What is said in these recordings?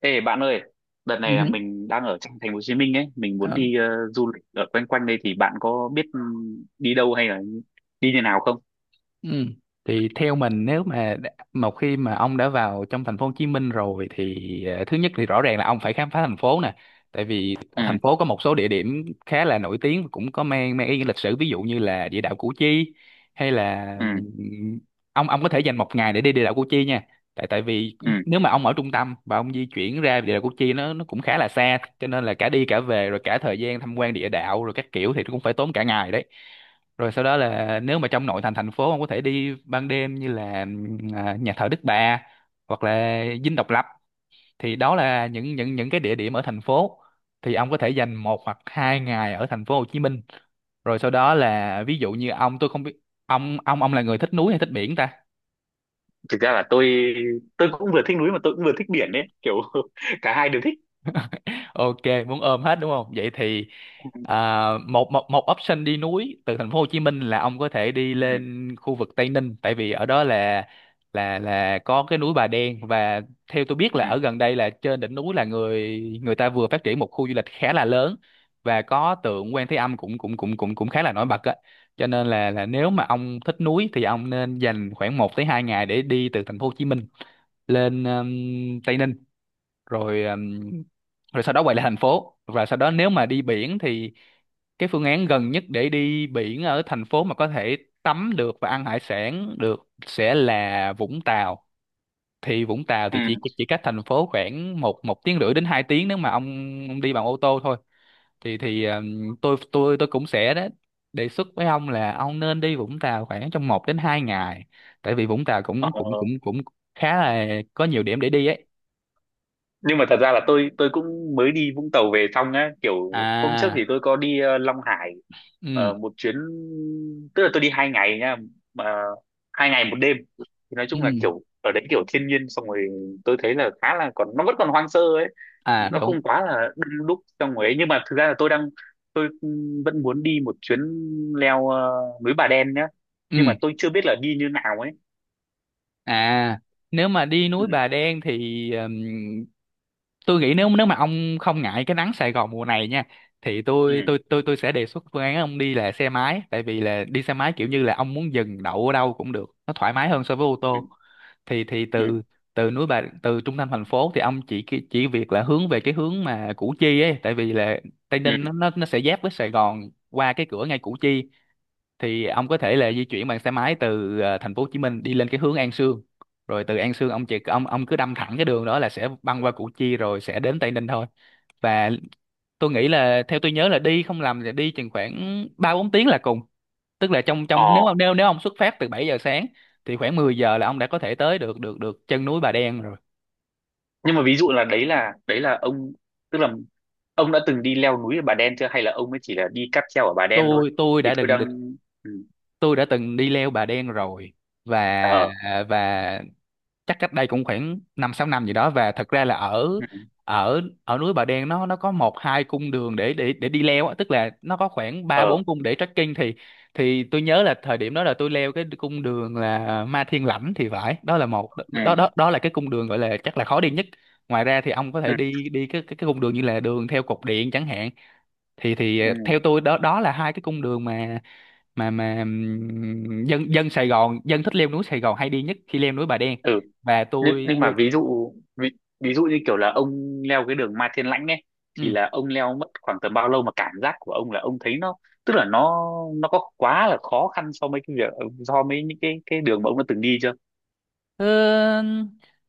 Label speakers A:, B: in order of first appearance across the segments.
A: Ê bạn ơi, đợt này là
B: Ừ.
A: mình đang ở trong thành phố Hồ Chí Minh ấy, mình muốn
B: Ờ,
A: đi du lịch ở quanh quanh đây thì bạn có biết, đi đâu hay là đi như nào không?
B: ừ. Thì theo mình nếu mà một khi mà ông đã vào trong thành phố Hồ Chí Minh rồi thì thứ nhất thì rõ ràng là ông phải khám phá thành phố nè, tại vì
A: Ừ,
B: thành phố có một số địa điểm khá là nổi tiếng và cũng có mang mang ý nghĩa lịch sử, ví dụ như là địa đạo Củ Chi hay là
A: ừ,
B: ông có thể dành một ngày để đi địa đạo Củ Chi nha, tại tại vì
A: ừ.
B: nếu mà ông ở trung tâm và ông di chuyển ra địa đạo Củ Chi, nó cũng khá là xa, cho nên là cả đi cả về rồi cả thời gian tham quan địa đạo rồi các kiểu thì cũng phải tốn cả ngày đấy. Rồi sau đó là nếu mà trong nội thành thành phố, ông có thể đi ban đêm như là nhà thờ Đức Bà hoặc là Dinh Độc Lập. Thì đó là những cái địa điểm ở thành phố, thì ông có thể dành một hoặc hai ngày ở thành phố Hồ Chí Minh. Rồi sau đó là ví dụ như ông, tôi không biết ông là người thích núi hay thích biển ta.
A: Thực ra là tôi cũng vừa thích núi mà tôi cũng vừa thích biển đấy, kiểu cả hai đều thích.
B: Ok, muốn ôm hết đúng không? Vậy thì
A: Ừ,
B: một một một option đi núi từ thành phố Hồ Chí Minh là ông có thể đi
A: ừ,
B: lên khu vực Tây Ninh, tại vì ở đó là là có cái núi Bà Đen. Và theo tôi biết là
A: ừ.
B: ở gần đây, là trên đỉnh núi là người người ta vừa phát triển một khu du lịch khá là lớn và có tượng Quan Thế Âm cũng cũng cũng cũng cũng khá là nổi bật á. Cho nên là nếu mà ông thích núi thì ông nên dành khoảng một tới 2 ngày để đi từ thành phố Hồ Chí Minh lên Tây Ninh, rồi rồi sau đó quay lại thành phố. Và sau đó nếu mà đi biển thì cái phương án gần nhất để đi biển ở thành phố mà có thể tắm được và ăn hải sản được sẽ là Vũng Tàu. Thì Vũng Tàu
A: Ừ.
B: thì chỉ cách thành phố khoảng một một tiếng rưỡi đến hai tiếng nếu mà ông đi bằng ô tô thôi. Thì tôi cũng sẽ đó, đề xuất với ông là ông nên đi Vũng Tàu khoảng trong một đến hai ngày, tại vì Vũng Tàu
A: Ờ,
B: cũng cũng cũng cũng khá là có nhiều điểm để đi ấy.
A: nhưng mà thật ra là tôi cũng mới đi Vũng Tàu về xong á, kiểu hôm trước
B: À.
A: thì tôi có đi Long Hải,
B: Ừ.
A: một chuyến. Tức là tôi đi 2 ngày nha, mà 2 ngày 1 đêm. Thì nói chung
B: Ừ.
A: là kiểu ở đấy kiểu thiên nhiên, xong rồi tôi thấy là khá là còn, nó vẫn còn hoang sơ ấy,
B: À
A: nó
B: đúng.
A: không quá là đông đúc trong rồi ấy. Nhưng mà thực ra là tôi vẫn muốn đi một chuyến leo núi Bà Đen nhá,
B: Ừ.
A: nhưng mà tôi chưa biết là đi như nào ấy.
B: À, nếu mà đi
A: Ừ,
B: núi Bà Đen thì tôi nghĩ nếu nếu mà ông không ngại cái nắng Sài Gòn mùa này nha, thì
A: ừ,
B: tôi sẽ đề xuất phương án ông đi là xe máy, tại vì là đi xe máy kiểu
A: ừ,
B: như là ông muốn dừng đậu ở đâu cũng được, nó thoải mái hơn so với ô
A: ừ,
B: tô. Thì
A: ừ,
B: từ từ núi Bà từ trung tâm thành phố thì ông chỉ việc là hướng về cái hướng mà Củ Chi ấy, tại vì là Tây Ninh nó
A: ừ.
B: nó nó sẽ giáp với Sài Gòn qua cái cửa ngay Củ Chi. Thì ông có thể là di chuyển bằng xe máy từ thành phố Hồ Chí Minh đi lên cái hướng An Sương. Rồi từ An Sương ông chỉ ông cứ đâm thẳng cái đường đó là sẽ băng qua Củ Chi rồi sẽ đến Tây Ninh thôi. Và tôi nghĩ là theo tôi nhớ là đi không lầm là đi chừng khoảng ba bốn tiếng là cùng, tức là trong trong nếu ông
A: ờ
B: nếu nếu ông xuất phát từ 7 giờ sáng thì khoảng 10 giờ là ông đã có thể tới được được được chân núi Bà Đen rồi.
A: nhưng mà ví dụ là đấy là đấy là ông, tức là ông đã từng đi leo núi ở Bà Đen chưa, hay là ông mới chỉ là đi cáp treo ở Bà Đen thôi?
B: tôi tôi
A: Thì
B: đã
A: tôi
B: từng được
A: đang Ừ.
B: tôi đã từng đi leo Bà Đen rồi, và
A: Ờ,
B: và chắc cách đây cũng khoảng năm sáu năm gì đó. Và thật ra là ở
A: ừ.
B: ở ở núi Bà Đen nó có một hai cung đường để đi leo á, tức là nó có khoảng ba
A: Ờ,
B: bốn cung để trekking. Thì tôi nhớ là thời điểm đó là tôi leo cái cung đường là Ma Thiên Lãnh thì phải, đó là một,
A: ừ.
B: đó đó đó là cái cung đường gọi là chắc là khó đi nhất. Ngoài ra thì ông có
A: Ừ.
B: thể đi đi cái cung đường như là đường theo cột điện chẳng hạn. Thì
A: Ừ.
B: theo tôi, đó đó là hai cái cung đường mà dân dân Sài Gòn, dân thích leo núi Sài Gòn hay đi nhất khi leo núi Bà Đen.
A: Ừ.
B: Và
A: nhưng
B: tôi
A: nhưng mà
B: tôi
A: ví dụ ví dụ như kiểu là ông leo cái đường Mai Thiên Lãnh ấy, thì
B: ừ.
A: là ông leo mất khoảng tầm bao lâu, mà cảm giác của ông là ông thấy nó, tức là nó có quá là khó khăn so với cái việc, so với những cái đường mà ông đã từng đi chưa?
B: Ờ,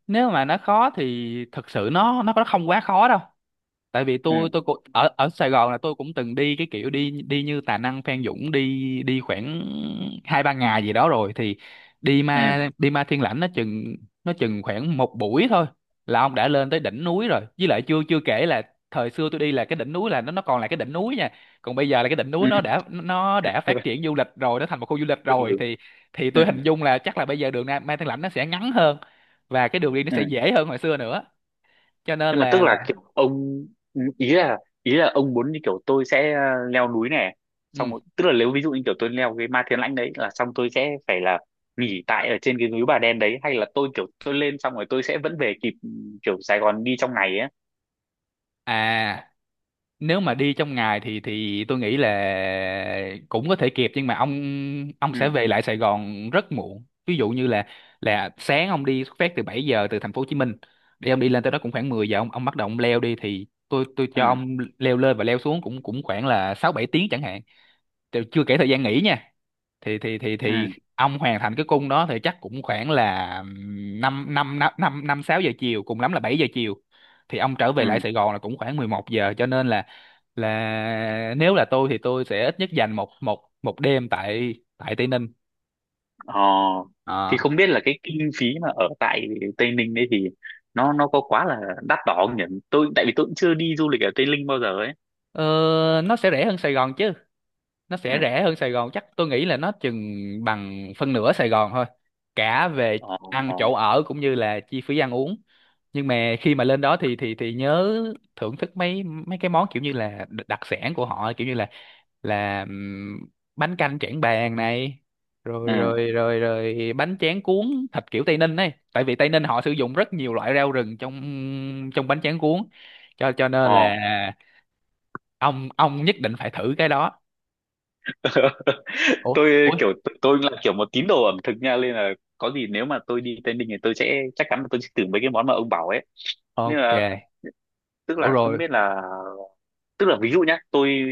B: nếu mà nó khó thì thực sự nó không quá khó đâu, tại vì
A: Ừ,
B: tôi cũng ở ở Sài Gòn, là tôi cũng từng đi cái kiểu đi đi như Tà Năng Phan Dũng, đi đi khoảng hai ba ngày gì đó rồi. Thì
A: ừ,
B: đi Ma Thiên Lãnh nó chừng khoảng một buổi thôi là ông đã lên tới đỉnh núi rồi, với lại chưa chưa kể là thời xưa tôi đi là cái đỉnh núi là nó còn là cái đỉnh núi nha, còn bây giờ là cái đỉnh núi
A: ừ,
B: nó đã phát triển du lịch rồi, nó thành một khu du lịch rồi. Thì tôi
A: ừ,
B: hình dung là chắc là bây giờ đường Ma Thiên Lãnh nó sẽ ngắn hơn, và cái đường đi nó
A: ừ.
B: sẽ dễ hơn hồi xưa nữa, cho nên
A: Nhưng mà
B: là
A: tức là kiểu ông, ý là ông muốn như kiểu tôi sẽ leo núi này, xong
B: ừ.
A: rồi, tức là nếu ví dụ như kiểu tôi leo cái Ma Thiên Lãnh đấy là xong, tôi sẽ phải là nghỉ tại ở trên cái núi Bà Đen đấy, hay là tôi kiểu tôi lên xong rồi tôi sẽ vẫn về kịp, kiểu Sài Gòn đi trong ngày ấy?
B: À, nếu mà đi trong ngày thì tôi nghĩ là cũng có thể kịp, nhưng mà ông
A: Ừ,
B: sẽ về lại Sài Gòn rất muộn. Ví dụ như là sáng ông đi xuất phát từ 7 giờ từ thành phố Hồ Chí Minh, để ông đi lên tới đó cũng khoảng 10 giờ, ông bắt đầu ông leo đi, thì tôi
A: ừ,
B: cho ông leo lên và leo xuống cũng cũng khoảng là 6 7 tiếng chẳng hạn. Thì chưa kể thời gian nghỉ nha, thì
A: ừ,
B: ông hoàn thành cái cung đó thì chắc cũng khoảng là năm năm năm năm năm sáu giờ chiều, cùng lắm là 7 giờ chiều. Thì ông trở về lại
A: ừ.
B: Sài Gòn là cũng khoảng 11 giờ, cho nên là nếu là tôi thì tôi sẽ ít nhất dành một một một đêm tại tại Tây Ninh.
A: Ờ, thì
B: Ờ,
A: không biết là cái kinh phí mà ở tại Tây Ninh đấy thì nó có quá là đắt đỏ không nhỉ? Tại vì tôi cũng chưa đi du lịch ở Tây Ninh bao giờ ấy.
B: ờ, nó sẽ rẻ hơn Sài Gòn chứ, nó
A: Ừ,
B: sẽ rẻ hơn Sài Gòn, chắc tôi nghĩ là nó chừng bằng phân nửa Sài Gòn thôi, cả về
A: ờ,
B: ăn
A: ờ,
B: chỗ ở cũng như là chi phí ăn uống. Nhưng mà khi mà lên đó thì nhớ thưởng thức mấy mấy cái món kiểu như là đặc sản của họ, kiểu như là là ừm, bánh canh Trảng Bàng này, rồi
A: ừ,
B: rồi rồi rồi bánh tráng cuốn thịt kiểu Tây Ninh ấy, tại vì Tây Ninh họ sử dụng rất nhiều loại rau rừng trong trong bánh tráng cuốn, cho nên
A: ờ.
B: là ông nhất định phải thử cái đó. Ủa.
A: Tôi
B: Ủa,
A: kiểu tôi là kiểu một tín đồ ẩm thực nha, nên là có gì nếu mà tôi đi Tây Ninh thì tôi sẽ chắc chắn là tôi sẽ thử mấy cái món mà ông bảo ấy, nên
B: ok.
A: là tức
B: Ủa
A: là không
B: rồi.
A: biết là, tức là ví dụ nhá, tôi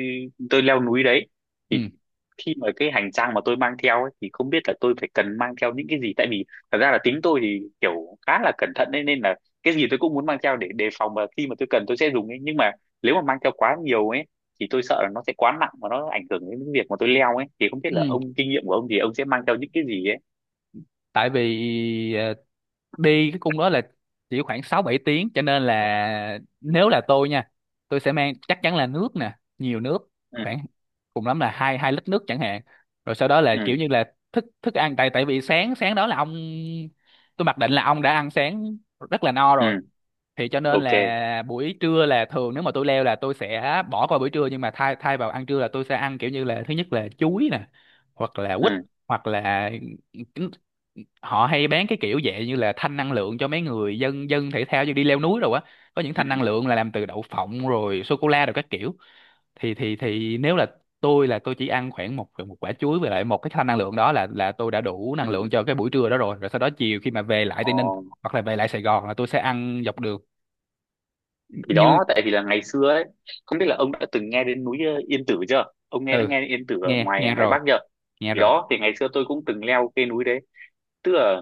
A: tôi leo núi đấy thì
B: Ừ.
A: khi mà cái hành trang mà tôi mang theo ấy, thì không biết là tôi phải cần mang theo những cái gì, tại vì thật ra là tính tôi thì kiểu khá là cẩn thận ấy, nên là cái gì tôi cũng muốn mang theo để đề phòng, mà khi mà tôi cần tôi sẽ dùng ấy. Nhưng mà nếu mà mang theo quá nhiều ấy thì tôi sợ là nó sẽ quá nặng và nó ảnh hưởng đến cái việc mà tôi leo ấy. Thì không biết là
B: Ừ,
A: ông, kinh nghiệm của ông thì ông sẽ mang theo những cái gì ấy?
B: tại vì đi cái cung đó là chỉ khoảng sáu bảy tiếng, cho nên là
A: Ừ,
B: nếu là tôi nha, tôi sẽ mang chắc chắn là nước nè, nhiều nước, khoảng cùng lắm là hai 2 lít nước chẳng hạn. Rồi sau đó là
A: ừ, ừ,
B: kiểu như là thức thức ăn, tại tại vì sáng sáng đó là ông, tôi mặc định là ông đã ăn sáng rất là no rồi.
A: ừ,
B: Thì cho nên
A: ok,
B: là buổi trưa là thường nếu mà tôi leo là tôi sẽ bỏ qua buổi trưa, nhưng mà thay thay vào ăn trưa là tôi sẽ ăn kiểu như là, thứ nhất là chuối nè, hoặc là
A: ừ,
B: quýt, hoặc là trứng- họ hay bán cái kiểu dạng như là thanh năng lượng cho mấy người dân dân thể thao như đi leo núi rồi á, có những
A: ừ,
B: thanh năng lượng là làm từ đậu phộng rồi sô cô la rồi các kiểu. Thì nếu là tôi, là tôi chỉ ăn khoảng một một quả chuối với lại một cái thanh năng lượng đó là tôi đã đủ năng
A: ừ.
B: lượng cho cái buổi trưa đó rồi rồi sau đó chiều khi mà về lại
A: Ờ,
B: Tây Ninh hoặc là về lại Sài Gòn là tôi sẽ ăn dọc đường
A: thì
B: như.
A: đó, tại vì là ngày xưa ấy không biết là ông đã từng nghe đến núi Yên Tử chưa, ông nghe đã
B: Ừ.
A: nghe đến Yên Tử ở
B: Nghe,
A: ngoài
B: nghe
A: ngoài
B: rồi.
A: Bắc chưa?
B: Nghe
A: Thì
B: rồi.
A: đó, thì ngày xưa tôi cũng từng leo cái núi đấy, tức là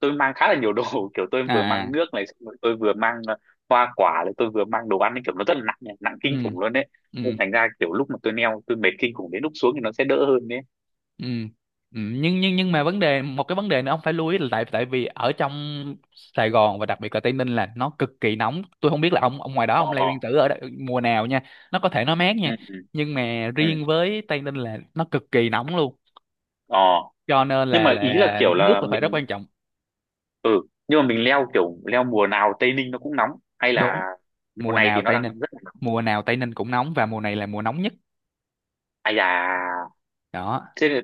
A: tôi mang khá là nhiều đồ, kiểu tôi
B: À.
A: vừa mang
B: À,
A: nước này, xong rồi tôi vừa mang hoa quả này, tôi vừa mang đồ ăn ấy, kiểu nó rất là nặng nhỉ, nặng kinh
B: ừ
A: khủng luôn đấy.
B: ừ.
A: Nên thành ra kiểu lúc mà tôi leo tôi mệt kinh khủng, đến lúc xuống thì nó sẽ đỡ hơn đấy.
B: Ừ. Ừ, nhưng mà vấn đề, một cái vấn đề nữa ông phải lưu ý là, tại tại vì ở trong Sài Gòn và đặc biệt là Tây Ninh là nó cực kỳ nóng. Tôi không biết là ông ngoài đó,
A: Ờ,
B: ông Lê Nguyên Tử ở đây, mùa nào nha, nó có thể nó mát nha,
A: ừ, ừ,
B: nhưng mà
A: ừ,
B: riêng với Tây Ninh là nó cực kỳ nóng luôn,
A: ờ.
B: cho nên
A: Nhưng
B: là
A: mà ý là kiểu
B: nước
A: là
B: là phải rất
A: mình,
B: quan trọng.
A: ừ, nhưng mà mình leo, kiểu leo mùa nào Tây Ninh nó cũng nóng, hay là
B: Đúng,
A: mùa
B: mùa
A: này thì
B: nào
A: nó
B: Tây Ninh,
A: đang rất là nóng?
B: mùa nào Tây Ninh cũng nóng và mùa này là mùa nóng nhất
A: Ai da,
B: đó.
A: thế là,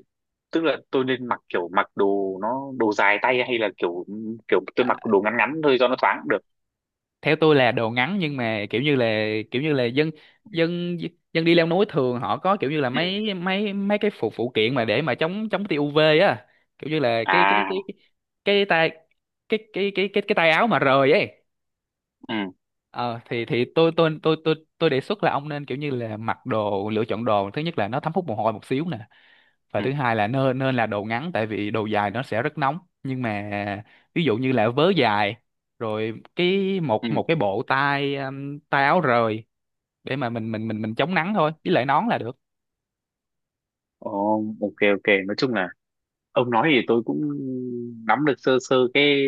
A: tức là tôi nên mặc kiểu mặc đồ nó đồ dài tay hay là kiểu kiểu tôi
B: à,
A: mặc đồ ngắn ngắn thôi cho nó thoáng cũng được?
B: Theo tôi là đồ ngắn, nhưng mà kiểu như là dân
A: Ừ.
B: dân dân đi leo núi thường họ có kiểu như là
A: Ừ.
B: mấy mấy mấy cái phụ phụ kiện mà để mà chống chống tia UV á, kiểu như là
A: À,
B: cái tay, cái tay áo mà rời ấy.
A: ừ,
B: Thì tôi đề xuất là ông nên kiểu như là mặc đồ lựa chọn đồ, thứ nhất là nó thấm hút mồ hôi một xíu nè, và
A: ừ,
B: thứ hai là nên nên là đồ ngắn, tại vì đồ dài nó sẽ rất nóng. Nhưng mà ví dụ như là vớ dài, rồi cái
A: ừ.
B: một một cái bộ tay, tay áo rời để mà mình chống nắng thôi, với lại nón là được.
A: Ồ, ok, ok, nói chung là ông nói thì tôi cũng nắm được sơ sơ cái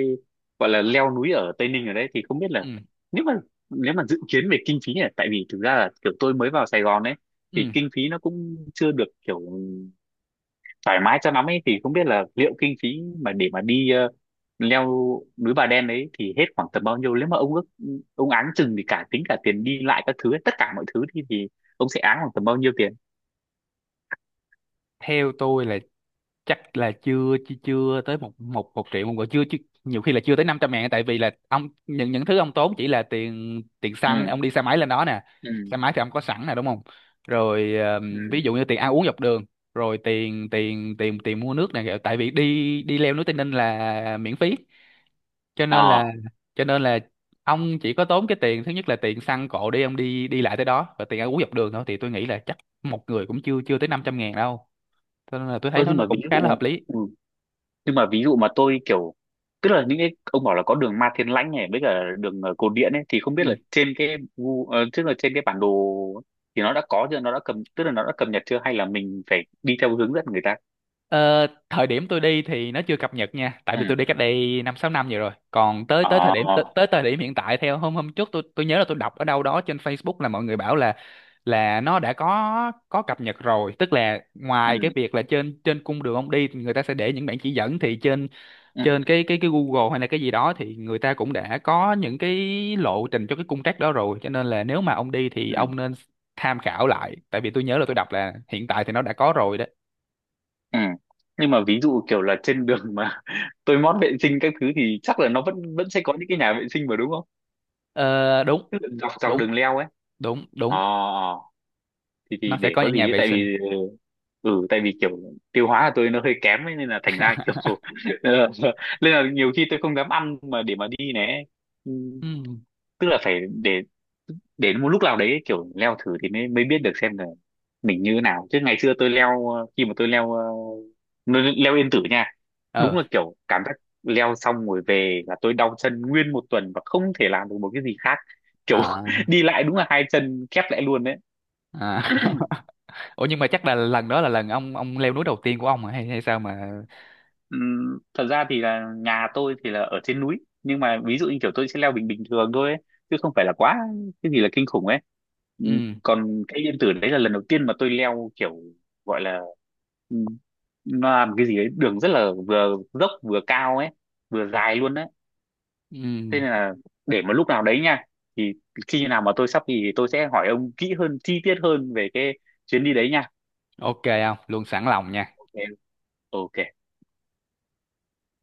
A: gọi là leo núi ở Tây Ninh ở đấy. Thì không biết là,
B: Ừ.
A: nếu mà nếu mà dự kiến về kinh phí này, tại vì thực ra là kiểu tôi mới vào Sài Gòn ấy, thì
B: Ừ.
A: kinh phí nó cũng chưa được kiểu thoải mái cho lắm ấy, thì không biết là liệu kinh phí mà để mà đi leo núi Bà Đen đấy thì hết khoảng tầm bao nhiêu? Nếu mà ông áng chừng thì cả tính cả tiền đi lại các thứ ấy, tất cả mọi thứ thì ông sẽ áng khoảng tầm bao nhiêu tiền?
B: Theo tôi là chắc là chưa chưa, chưa tới một một một triệu một người, chưa, nhiều khi là chưa tới 500 ngàn. Tại vì là ông, những thứ ông tốn chỉ là tiền tiền xăng
A: Ừ,
B: ông đi xe máy lên đó nè.
A: ừ,
B: Xe máy thì ông có sẵn nè, đúng không? Rồi
A: ừ,
B: ví dụ như tiền ăn uống dọc đường, rồi tiền tiền tiền tiền mua nước này. Tại vì đi đi leo núi Tây Ninh là miễn phí, cho nên
A: ờ.
B: là cho nên là ông chỉ có tốn cái tiền, thứ nhất là tiền xăng cộ đi, ông đi đi lại tới đó, và tiền ăn uống dọc đường thôi, thì tôi nghĩ là chắc một người cũng chưa chưa tới 500 ngàn đâu, cho nên là tôi thấy
A: Ơ,
B: nó
A: nhưng mà ví
B: cũng khá
A: dụ,
B: là hợp lý.
A: nhưng mà ví dụ mà tôi kiểu, tức là những cái ông bảo là có đường Ma Thiên Lãnh này với cả đường Cột Điện ấy thì không biết
B: Ừ.
A: là trên cái tức là trên cái bản đồ thì nó đã có chưa, nó đã cầm tức là nó đã cập nhật chưa, hay là mình phải đi theo hướng dẫn người ta?
B: Ờ, thời điểm tôi đi thì nó chưa cập nhật nha, tại
A: Ừ,
B: vì tôi đi cách đây năm sáu năm vậy rồi. Còn
A: ờ,
B: tới thời điểm hiện tại, theo hôm hôm trước tôi nhớ là tôi đọc ở đâu đó trên Facebook là mọi người bảo là nó đã có cập nhật rồi, tức là
A: ừ,
B: ngoài cái việc là trên trên cung đường ông đi thì người ta sẽ để những bản chỉ dẫn, thì trên
A: ừ,
B: trên cái Google hay là cái gì đó thì người ta cũng đã có những cái lộ trình cho cái cung trek đó rồi, cho nên là nếu mà ông đi thì
A: ừ,
B: ông nên tham khảo lại, tại vì tôi nhớ là tôi đọc là hiện tại thì nó đã có rồi đó.
A: ừ. Nhưng mà ví dụ kiểu là trên đường mà tôi mót vệ sinh các thứ thì chắc là nó vẫn vẫn sẽ có những cái nhà vệ sinh mà, đúng không,
B: Ờ, đúng.
A: tức là dọc dọc
B: đúng
A: đường leo ấy?
B: đúng
A: Ờ,
B: đúng
A: ờ. Thì
B: Nó sẽ
A: để
B: có
A: có
B: những nhà
A: gì ấy,
B: vệ
A: tại
B: sinh.
A: vì, ừ, tại vì kiểu tiêu hóa của tôi nó hơi kém ấy, nên là thành ra kiểu ờ, nên là nhiều khi tôi không dám ăn mà để mà đi này. Ừ,
B: Ừ.
A: tức là phải để một lúc nào đấy kiểu leo thử thì mới mới biết được xem là mình như thế nào. Chứ ngày xưa tôi leo khi mà tôi leo leo leo Yên Tử nha. Đúng
B: Ờ.
A: là kiểu cảm giác leo xong rồi về là tôi đau chân nguyên 1 tuần và không thể làm được một cái gì khác, kiểu
B: à,
A: đi lại đúng là hai chân khép lại luôn đấy.
B: à. Ủa nhưng mà chắc là lần đó là lần ông leo núi đầu tiên của ông hả? Hay hay sao mà?
A: Thật ra thì là nhà tôi thì là ở trên núi, nhưng mà ví dụ như kiểu tôi sẽ leo bình bình thường thôi ấy, chứ không phải là quá cái gì là kinh khủng ấy.
B: Ừ.
A: Còn cây Yên Tử đấy là lần đầu tiên mà tôi leo, kiểu gọi là, ừm, nó làm cái gì ấy, đường rất là vừa dốc vừa cao ấy, vừa dài luôn đấy. Thế
B: Ừ.
A: nên là để mà lúc nào đấy nha, thì khi nào mà tôi sắp thì tôi sẽ hỏi ông kỹ hơn chi tiết hơn về cái chuyến đi đấy nha.
B: Ok, không luôn, sẵn lòng nha.
A: Ok, ok.